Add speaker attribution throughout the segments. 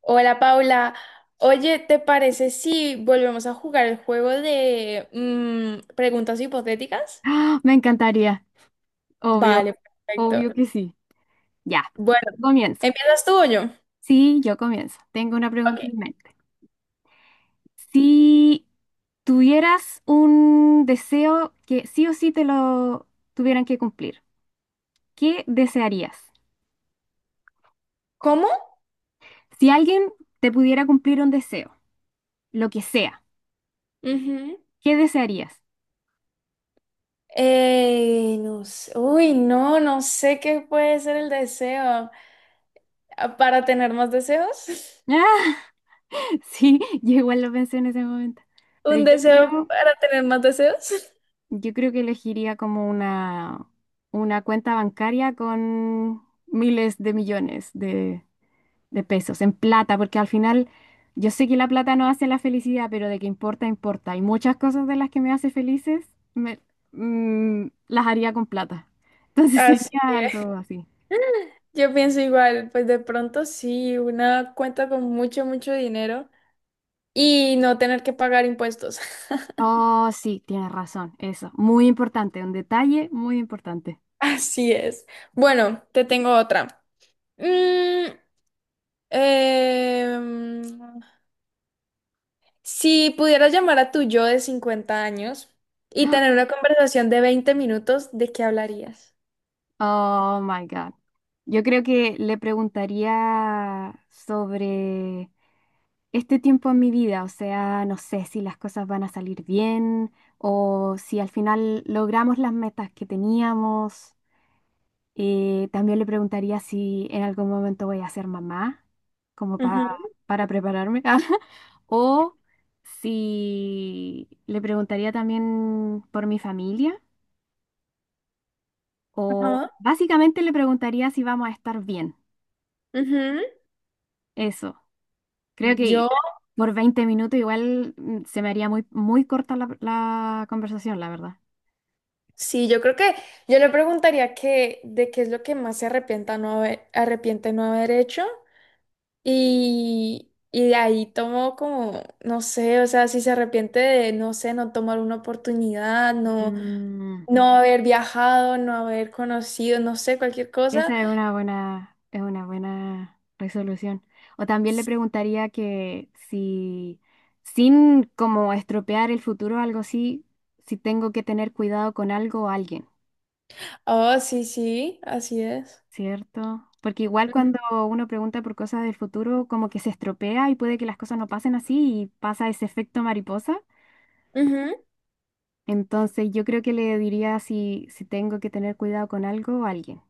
Speaker 1: Hola Paula, oye, ¿te parece si volvemos a jugar el juego de preguntas hipotéticas?
Speaker 2: ¡Ah! Me encantaría. Obvio,
Speaker 1: Vale,
Speaker 2: obvio
Speaker 1: perfecto.
Speaker 2: que sí. Ya,
Speaker 1: Bueno,
Speaker 2: comienzo.
Speaker 1: ¿empiezas tú o yo?
Speaker 2: Sí, yo comienzo. Tengo una
Speaker 1: Ok.
Speaker 2: pregunta en mente. Si tuvieras un deseo que sí o sí te lo tuvieran que cumplir, ¿qué desearías?
Speaker 1: ¿Cómo?
Speaker 2: Si alguien te pudiera cumplir un deseo, lo que sea,
Speaker 1: Ujú.
Speaker 2: ¿qué desearías?
Speaker 1: No sé. Uy, no, no sé qué puede ser el deseo. Ah, ¿para tener más deseos?
Speaker 2: sí, yo igual lo pensé en ese momento. Pero
Speaker 1: ¿Un
Speaker 2: yo
Speaker 1: deseo
Speaker 2: creo
Speaker 1: para tener más deseos?
Speaker 2: Yo creo que elegiría como una cuenta bancaria con miles de millones de pesos en plata, porque al final yo sé que la plata no hace la felicidad, pero de que importa, importa. Hay muchas cosas de las que me hace felices me- las haría con plata. Entonces
Speaker 1: Así
Speaker 2: sería
Speaker 1: es.
Speaker 2: algo así.
Speaker 1: Yo pienso igual, pues de pronto sí, una cuenta con mucho, mucho dinero. Y no tener que pagar impuestos.
Speaker 2: Oh, sí, tienes razón, eso. Muy importante, un detalle muy importante.
Speaker 1: Así es. Bueno, te tengo otra. Mm, em, si pudieras llamar a tu yo de 50 años y tener una conversación de 20 minutos, ¿de qué hablarías?
Speaker 2: Oh my God. Yo creo que le preguntaría sobre este tiempo en mi vida, o sea, no sé si las cosas van a salir bien o si al final logramos las metas que teníamos. También le preguntaría si en algún momento voy a ser mamá, como pa-
Speaker 1: Ujú,
Speaker 2: para prepararme, o si le preguntaría también por mi familia, o
Speaker 1: ajá,
Speaker 2: básicamente le preguntaría si vamos a estar bien.
Speaker 1: ujú.
Speaker 2: Eso. Creo que
Speaker 1: Yo,
Speaker 2: por 20 minutos igual se me haría muy, muy corta la conversación, la verdad.
Speaker 1: sí, yo creo que yo le preguntaría que de qué es lo que más se arrepienta no haber, arrepiente no haber hecho. Y de ahí tomó como, no sé, o sea, si se arrepiente de, no sé, no tomar una oportunidad, no,
Speaker 2: Mm,
Speaker 1: no haber viajado, no haber conocido, no sé, cualquier cosa.
Speaker 2: Esa es una buena resolución. O también le preguntaría que si, sin como estropear el futuro o algo así, si tengo que tener cuidado con algo o alguien,
Speaker 1: Oh, sí, sí, así es.
Speaker 2: ¿cierto? Porque igual
Speaker 1: Ujú.
Speaker 2: cuando uno pregunta por cosas del futuro, como que se estropea y puede que las cosas no pasen así y pasa ese efecto mariposa.
Speaker 1: Ujú,
Speaker 2: Entonces, yo creo que le diría si tengo que tener cuidado con algo o alguien.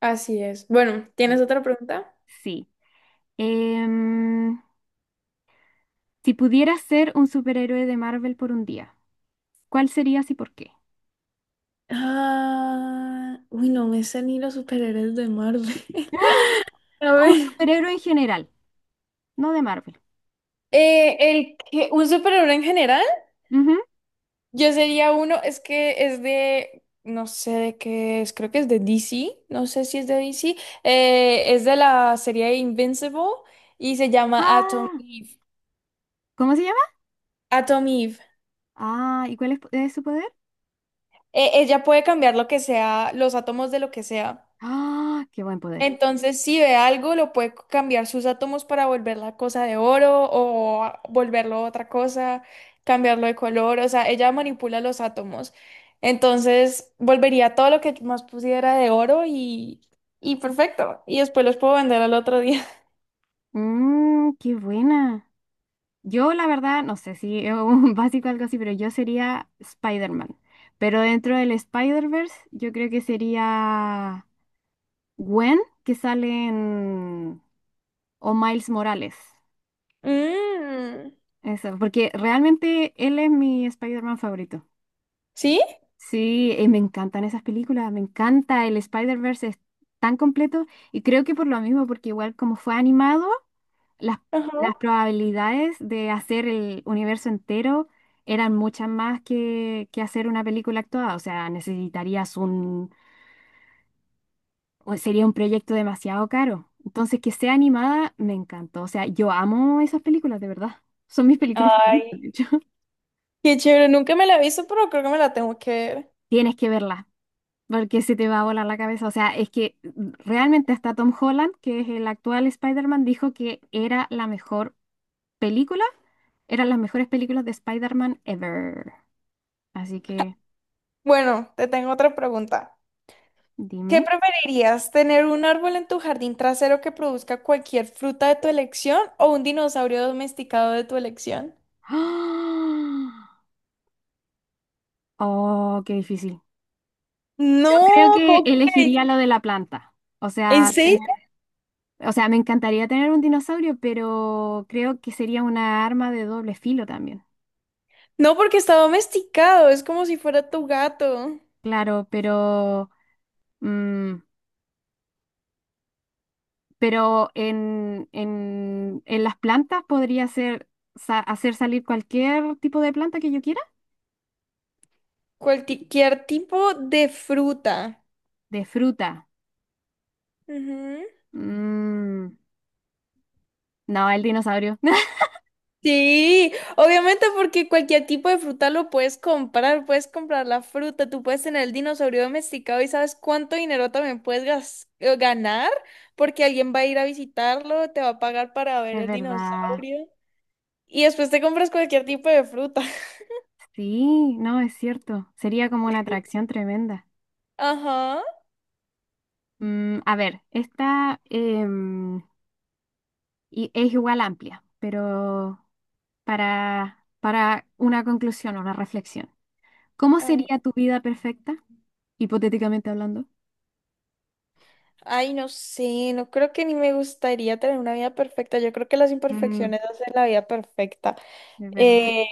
Speaker 1: así es. Bueno, ¿tienes otra pregunta?
Speaker 2: Sí. Em, si pudieras ser un superhéroe de Marvel por 1 día, ¿cuál serías y por qué?
Speaker 1: Ah, uy, no me sé ni los superhéroes de Marvel. A
Speaker 2: O un
Speaker 1: ver.
Speaker 2: superhéroe en general, no de Marvel.
Speaker 1: ¿Un superhéroe en general?
Speaker 2: Ujú.
Speaker 1: Yo sería uno, es que es de, no sé de qué es, creo que es de DC, no sé si es de DC, es de la serie Invincible y se llama Atom
Speaker 2: Ah,
Speaker 1: Eve.
Speaker 2: ¿cómo se llama?
Speaker 1: Atom Eve.
Speaker 2: Ah, ¿y cuál es su poder?
Speaker 1: Ella puede cambiar lo que sea, los átomos de lo que sea.
Speaker 2: Ah, qué buen poder.
Speaker 1: Entonces, si ve algo, lo puede cambiar sus átomos para volver la cosa de oro o volverlo otra cosa, cambiarlo de color, o sea, ella manipula los átomos. Entonces, volvería todo lo que más pusiera de oro y perfecto. Y después los puedo vender al otro día.
Speaker 2: Mm, qué buena. Yo, la verdad, no sé si es un básico o algo así, pero yo sería Spider-Man. Pero dentro del Spider-Verse, yo creo que sería Gwen, que sale en... o Miles Morales.
Speaker 1: Mm,
Speaker 2: Eso, porque realmente él es mi Spider-Man favorito.
Speaker 1: ¿sí?
Speaker 2: Sí, me encantan esas películas, me encanta el Spider-Verse, es tan completo y creo que por lo mismo, porque igual como fue animado. las, las
Speaker 1: Ajá.
Speaker 2: probabilidades de hacer el universo entero eran muchas más que hacer una película actuada. O sea, o sería un proyecto demasiado caro. Entonces, que sea animada me encantó. O sea, yo amo esas películas, de verdad. Son mis películas
Speaker 1: Ay,
Speaker 2: favoritas, de hecho.
Speaker 1: qué chévere. Nunca me la he visto, pero creo que me la tengo que ver.
Speaker 2: Tienes que verla porque se te va a volar la cabeza. O sea, es que realmente hasta Tom Holland, que es el actual Spider-Man, dijo que era la mejor película, eran las mejores películas de Spider-Man ever. Así que
Speaker 1: Bueno, te tengo otra pregunta. ¿Qué
Speaker 2: dime.
Speaker 1: preferirías? ¿Tener un árbol en tu jardín trasero que produzca cualquier fruta de tu elección o un dinosaurio domesticado de tu elección?
Speaker 2: ¡Ah! Oh, qué difícil. Yo creo
Speaker 1: No,
Speaker 2: que
Speaker 1: ¿cómo que?
Speaker 2: elegiría lo de la planta. O
Speaker 1: ¿En
Speaker 2: sea, tener-
Speaker 1: serio?
Speaker 2: o sea, me encantaría tener un dinosaurio, pero creo que sería una arma de doble filo también.
Speaker 1: No, porque está domesticado, es como si fuera tu gato.
Speaker 2: Claro, pero, mm, pero en las plantas podría hacer salir cualquier tipo de planta que yo quiera.
Speaker 1: Cualquier tipo de fruta.
Speaker 2: De fruta.
Speaker 1: Ujú.
Speaker 2: Mm, no, el dinosaurio.
Speaker 1: Sí, obviamente porque cualquier tipo de fruta lo puedes comprar la fruta, tú puedes tener el dinosaurio domesticado y sabes cuánto dinero también puedes ganar porque alguien va a ir a visitarlo, te va a pagar para ver
Speaker 2: Es
Speaker 1: el
Speaker 2: verdad.
Speaker 1: dinosaurio y después te compras cualquier tipo de fruta.
Speaker 2: Sí, no, es cierto. Sería como una atracción tremenda.
Speaker 1: Ajá,
Speaker 2: Mm, a ver, esta es igual amplia, pero para una conclusión, una reflexión. ¿Cómo
Speaker 1: a ver.
Speaker 2: sería tu vida perfecta, hipotéticamente hablando?
Speaker 1: Ay, no sé, no creo que ni me gustaría tener una vida perfecta, yo creo que las
Speaker 2: Mm,
Speaker 1: imperfecciones hacen la vida perfecta.
Speaker 2: es verdad.
Speaker 1: Eh,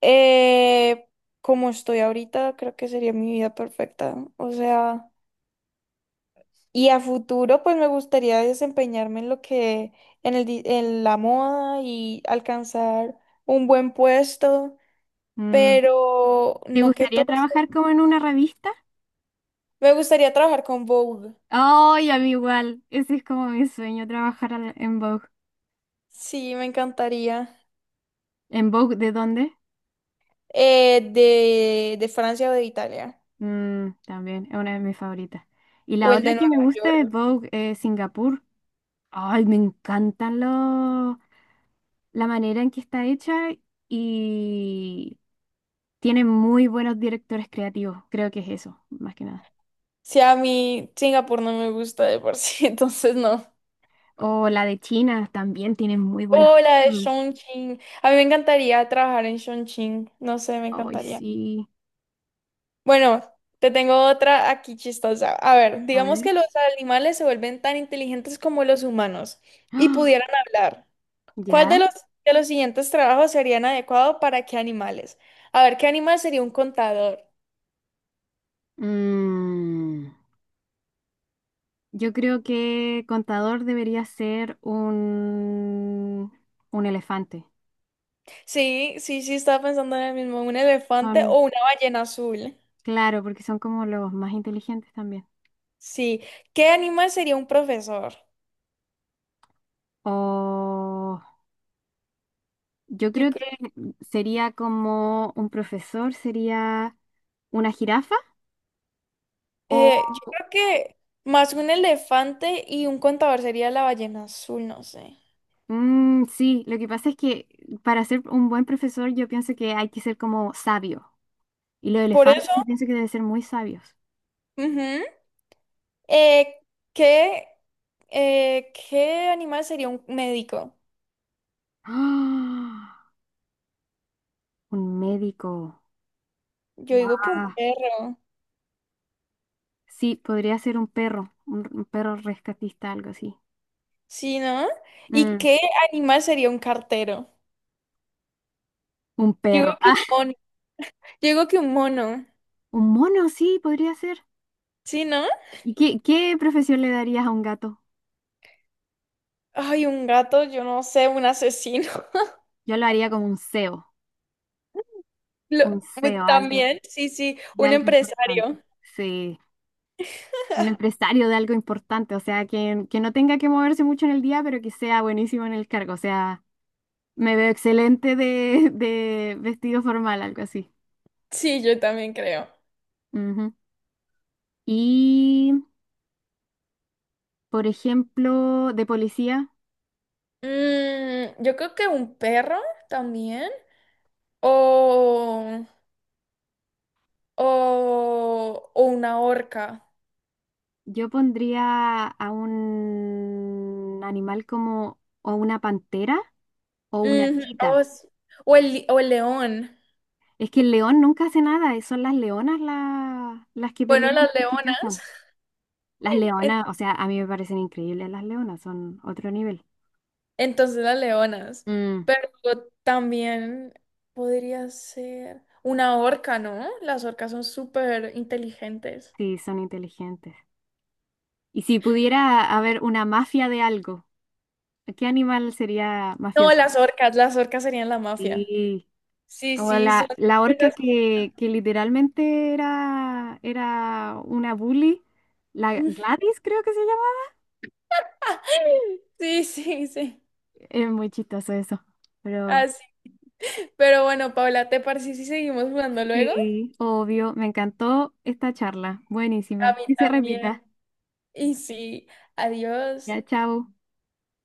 Speaker 1: Eh, como estoy ahorita, creo que sería mi vida perfecta. ¿No? O sea, y a futuro, pues me gustaría desempeñarme en lo que, en la moda y alcanzar un buen puesto,
Speaker 2: Mm,
Speaker 1: pero
Speaker 2: ¿te
Speaker 1: no que
Speaker 2: gustaría
Speaker 1: todo.
Speaker 2: trabajar como en una revista?
Speaker 1: Me gustaría trabajar con Vogue.
Speaker 2: Ay, a mí igual. Ese es como mi sueño, en Vogue.
Speaker 1: Sí, me encantaría.
Speaker 2: ¿En Vogue de dónde?
Speaker 1: De Francia o de Italia,
Speaker 2: Mm, también, es una de mis favoritas. Y
Speaker 1: o
Speaker 2: la
Speaker 1: el
Speaker 2: otra
Speaker 1: de
Speaker 2: que me
Speaker 1: Nueva
Speaker 2: gusta
Speaker 1: York.
Speaker 2: es Vogue Singapur. Ay, me encantan los, la manera en que está hecha y tiene muy buenos directores creativos. Creo que es eso, más que nada.
Speaker 1: Si a mí Singapur no me gusta de por sí, entonces no.
Speaker 2: O la de China también tiene muy buenos.
Speaker 1: Hola de
Speaker 2: Mm.
Speaker 1: Chongqing. A mí me encantaría trabajar en Chongqing. No sé, me
Speaker 2: Ay,
Speaker 1: encantaría.
Speaker 2: sí.
Speaker 1: Bueno, te tengo otra aquí chistosa. A ver,
Speaker 2: A
Speaker 1: digamos
Speaker 2: ver.
Speaker 1: que los animales se vuelven tan inteligentes como los humanos y
Speaker 2: ¡Ah!
Speaker 1: pudieran hablar. ¿Cuál de
Speaker 2: Ya.
Speaker 1: los, ¿de los siguientes trabajos serían adecuado para qué animales? A ver, ¿qué animal sería un contador?
Speaker 2: Mm, yo creo que Contador debería ser un elefante.
Speaker 1: Sí, sí, sí, estaba pensando en el mismo, un elefante o una ballena azul.
Speaker 2: Claro, porque son como los más inteligentes también.
Speaker 1: Sí. ¿Qué animal sería un profesor?
Speaker 2: O yo
Speaker 1: Yo
Speaker 2: creo que
Speaker 1: creo.
Speaker 2: sería como un profesor, sería una jirafa. O
Speaker 1: Yo creo que más un elefante y un contador sería la ballena azul, no sé.
Speaker 2: mm, sí, lo que pasa es que para ser un buen profesor yo pienso que hay que ser como sabio. Y los
Speaker 1: Por
Speaker 2: elefantes
Speaker 1: eso,
Speaker 2: yo pienso que deben ser muy sabios.
Speaker 1: ujú, eh, ¿qué, ¿qué animal sería un médico?
Speaker 2: ¡Ah! Un médico.
Speaker 1: Yo digo que
Speaker 2: ¡Guau!
Speaker 1: un perro,
Speaker 2: Sí, podría ser un perro, un perro rescatista, algo así.
Speaker 1: ¿sí, no? ¿Y
Speaker 2: Mm,
Speaker 1: qué animal sería un cartero?
Speaker 2: un
Speaker 1: Yo digo
Speaker 2: perro.
Speaker 1: que un mono, yo digo que un mono,
Speaker 2: un mono, sí, podría ser.
Speaker 1: ¿sí, no?
Speaker 2: ¿Y qué profesión le darías a un gato?
Speaker 1: Ay, un gato, yo no sé, un asesino.
Speaker 2: Yo lo haría como un CEO,
Speaker 1: Lo-
Speaker 2: un CEO, algo,
Speaker 1: también, sí, sí,
Speaker 2: de
Speaker 1: un
Speaker 2: algo importante.
Speaker 1: empresario.
Speaker 2: Sí, un empresario de algo importante, o sea, que no tenga que moverse mucho en el día, pero que sea buenísimo en el cargo. O sea, me veo excelente de, de vestido formal, algo así.
Speaker 1: Sí, yo también creo.
Speaker 2: Ujú. Y, por ejemplo, de policía,
Speaker 1: Mm, yo creo que un perro también. O, o una orca.
Speaker 2: yo pondría a un animal como o una pantera o una
Speaker 1: Ujú,
Speaker 2: chita.
Speaker 1: o o el león.
Speaker 2: Es que el león nunca hace nada, son las leonas las que
Speaker 1: Bueno,
Speaker 2: pelean,
Speaker 1: las
Speaker 2: las que
Speaker 1: leonas.
Speaker 2: cazan. Las
Speaker 1: En-
Speaker 2: leonas, o sea, a mí me parecen increíbles las leonas, son otro nivel.
Speaker 1: Entonces las leonas.
Speaker 2: Mm,
Speaker 1: Pero también podría ser una orca, ¿no? Las orcas son súper inteligentes.
Speaker 2: sí, son inteligentes. Y si pudiera haber una mafia de algo, ¿qué animal sería
Speaker 1: No,
Speaker 2: mafioso?
Speaker 1: las orcas serían la mafia.
Speaker 2: Sí,
Speaker 1: Sí,
Speaker 2: como
Speaker 1: sí, son...
Speaker 2: la orca que literalmente era una bully, la Gladys creo que se llama.
Speaker 1: Sí, sí, sí.
Speaker 2: Es muy chistoso eso, pero...
Speaker 1: Así. Pero bueno, Paula, ¿te parece si seguimos jugando luego?
Speaker 2: Sí, obvio. Me encantó esta charla.
Speaker 1: A
Speaker 2: Buenísima.
Speaker 1: mí
Speaker 2: Que se
Speaker 1: también.
Speaker 2: repita.
Speaker 1: Y sí, adiós.
Speaker 2: Ya, chao.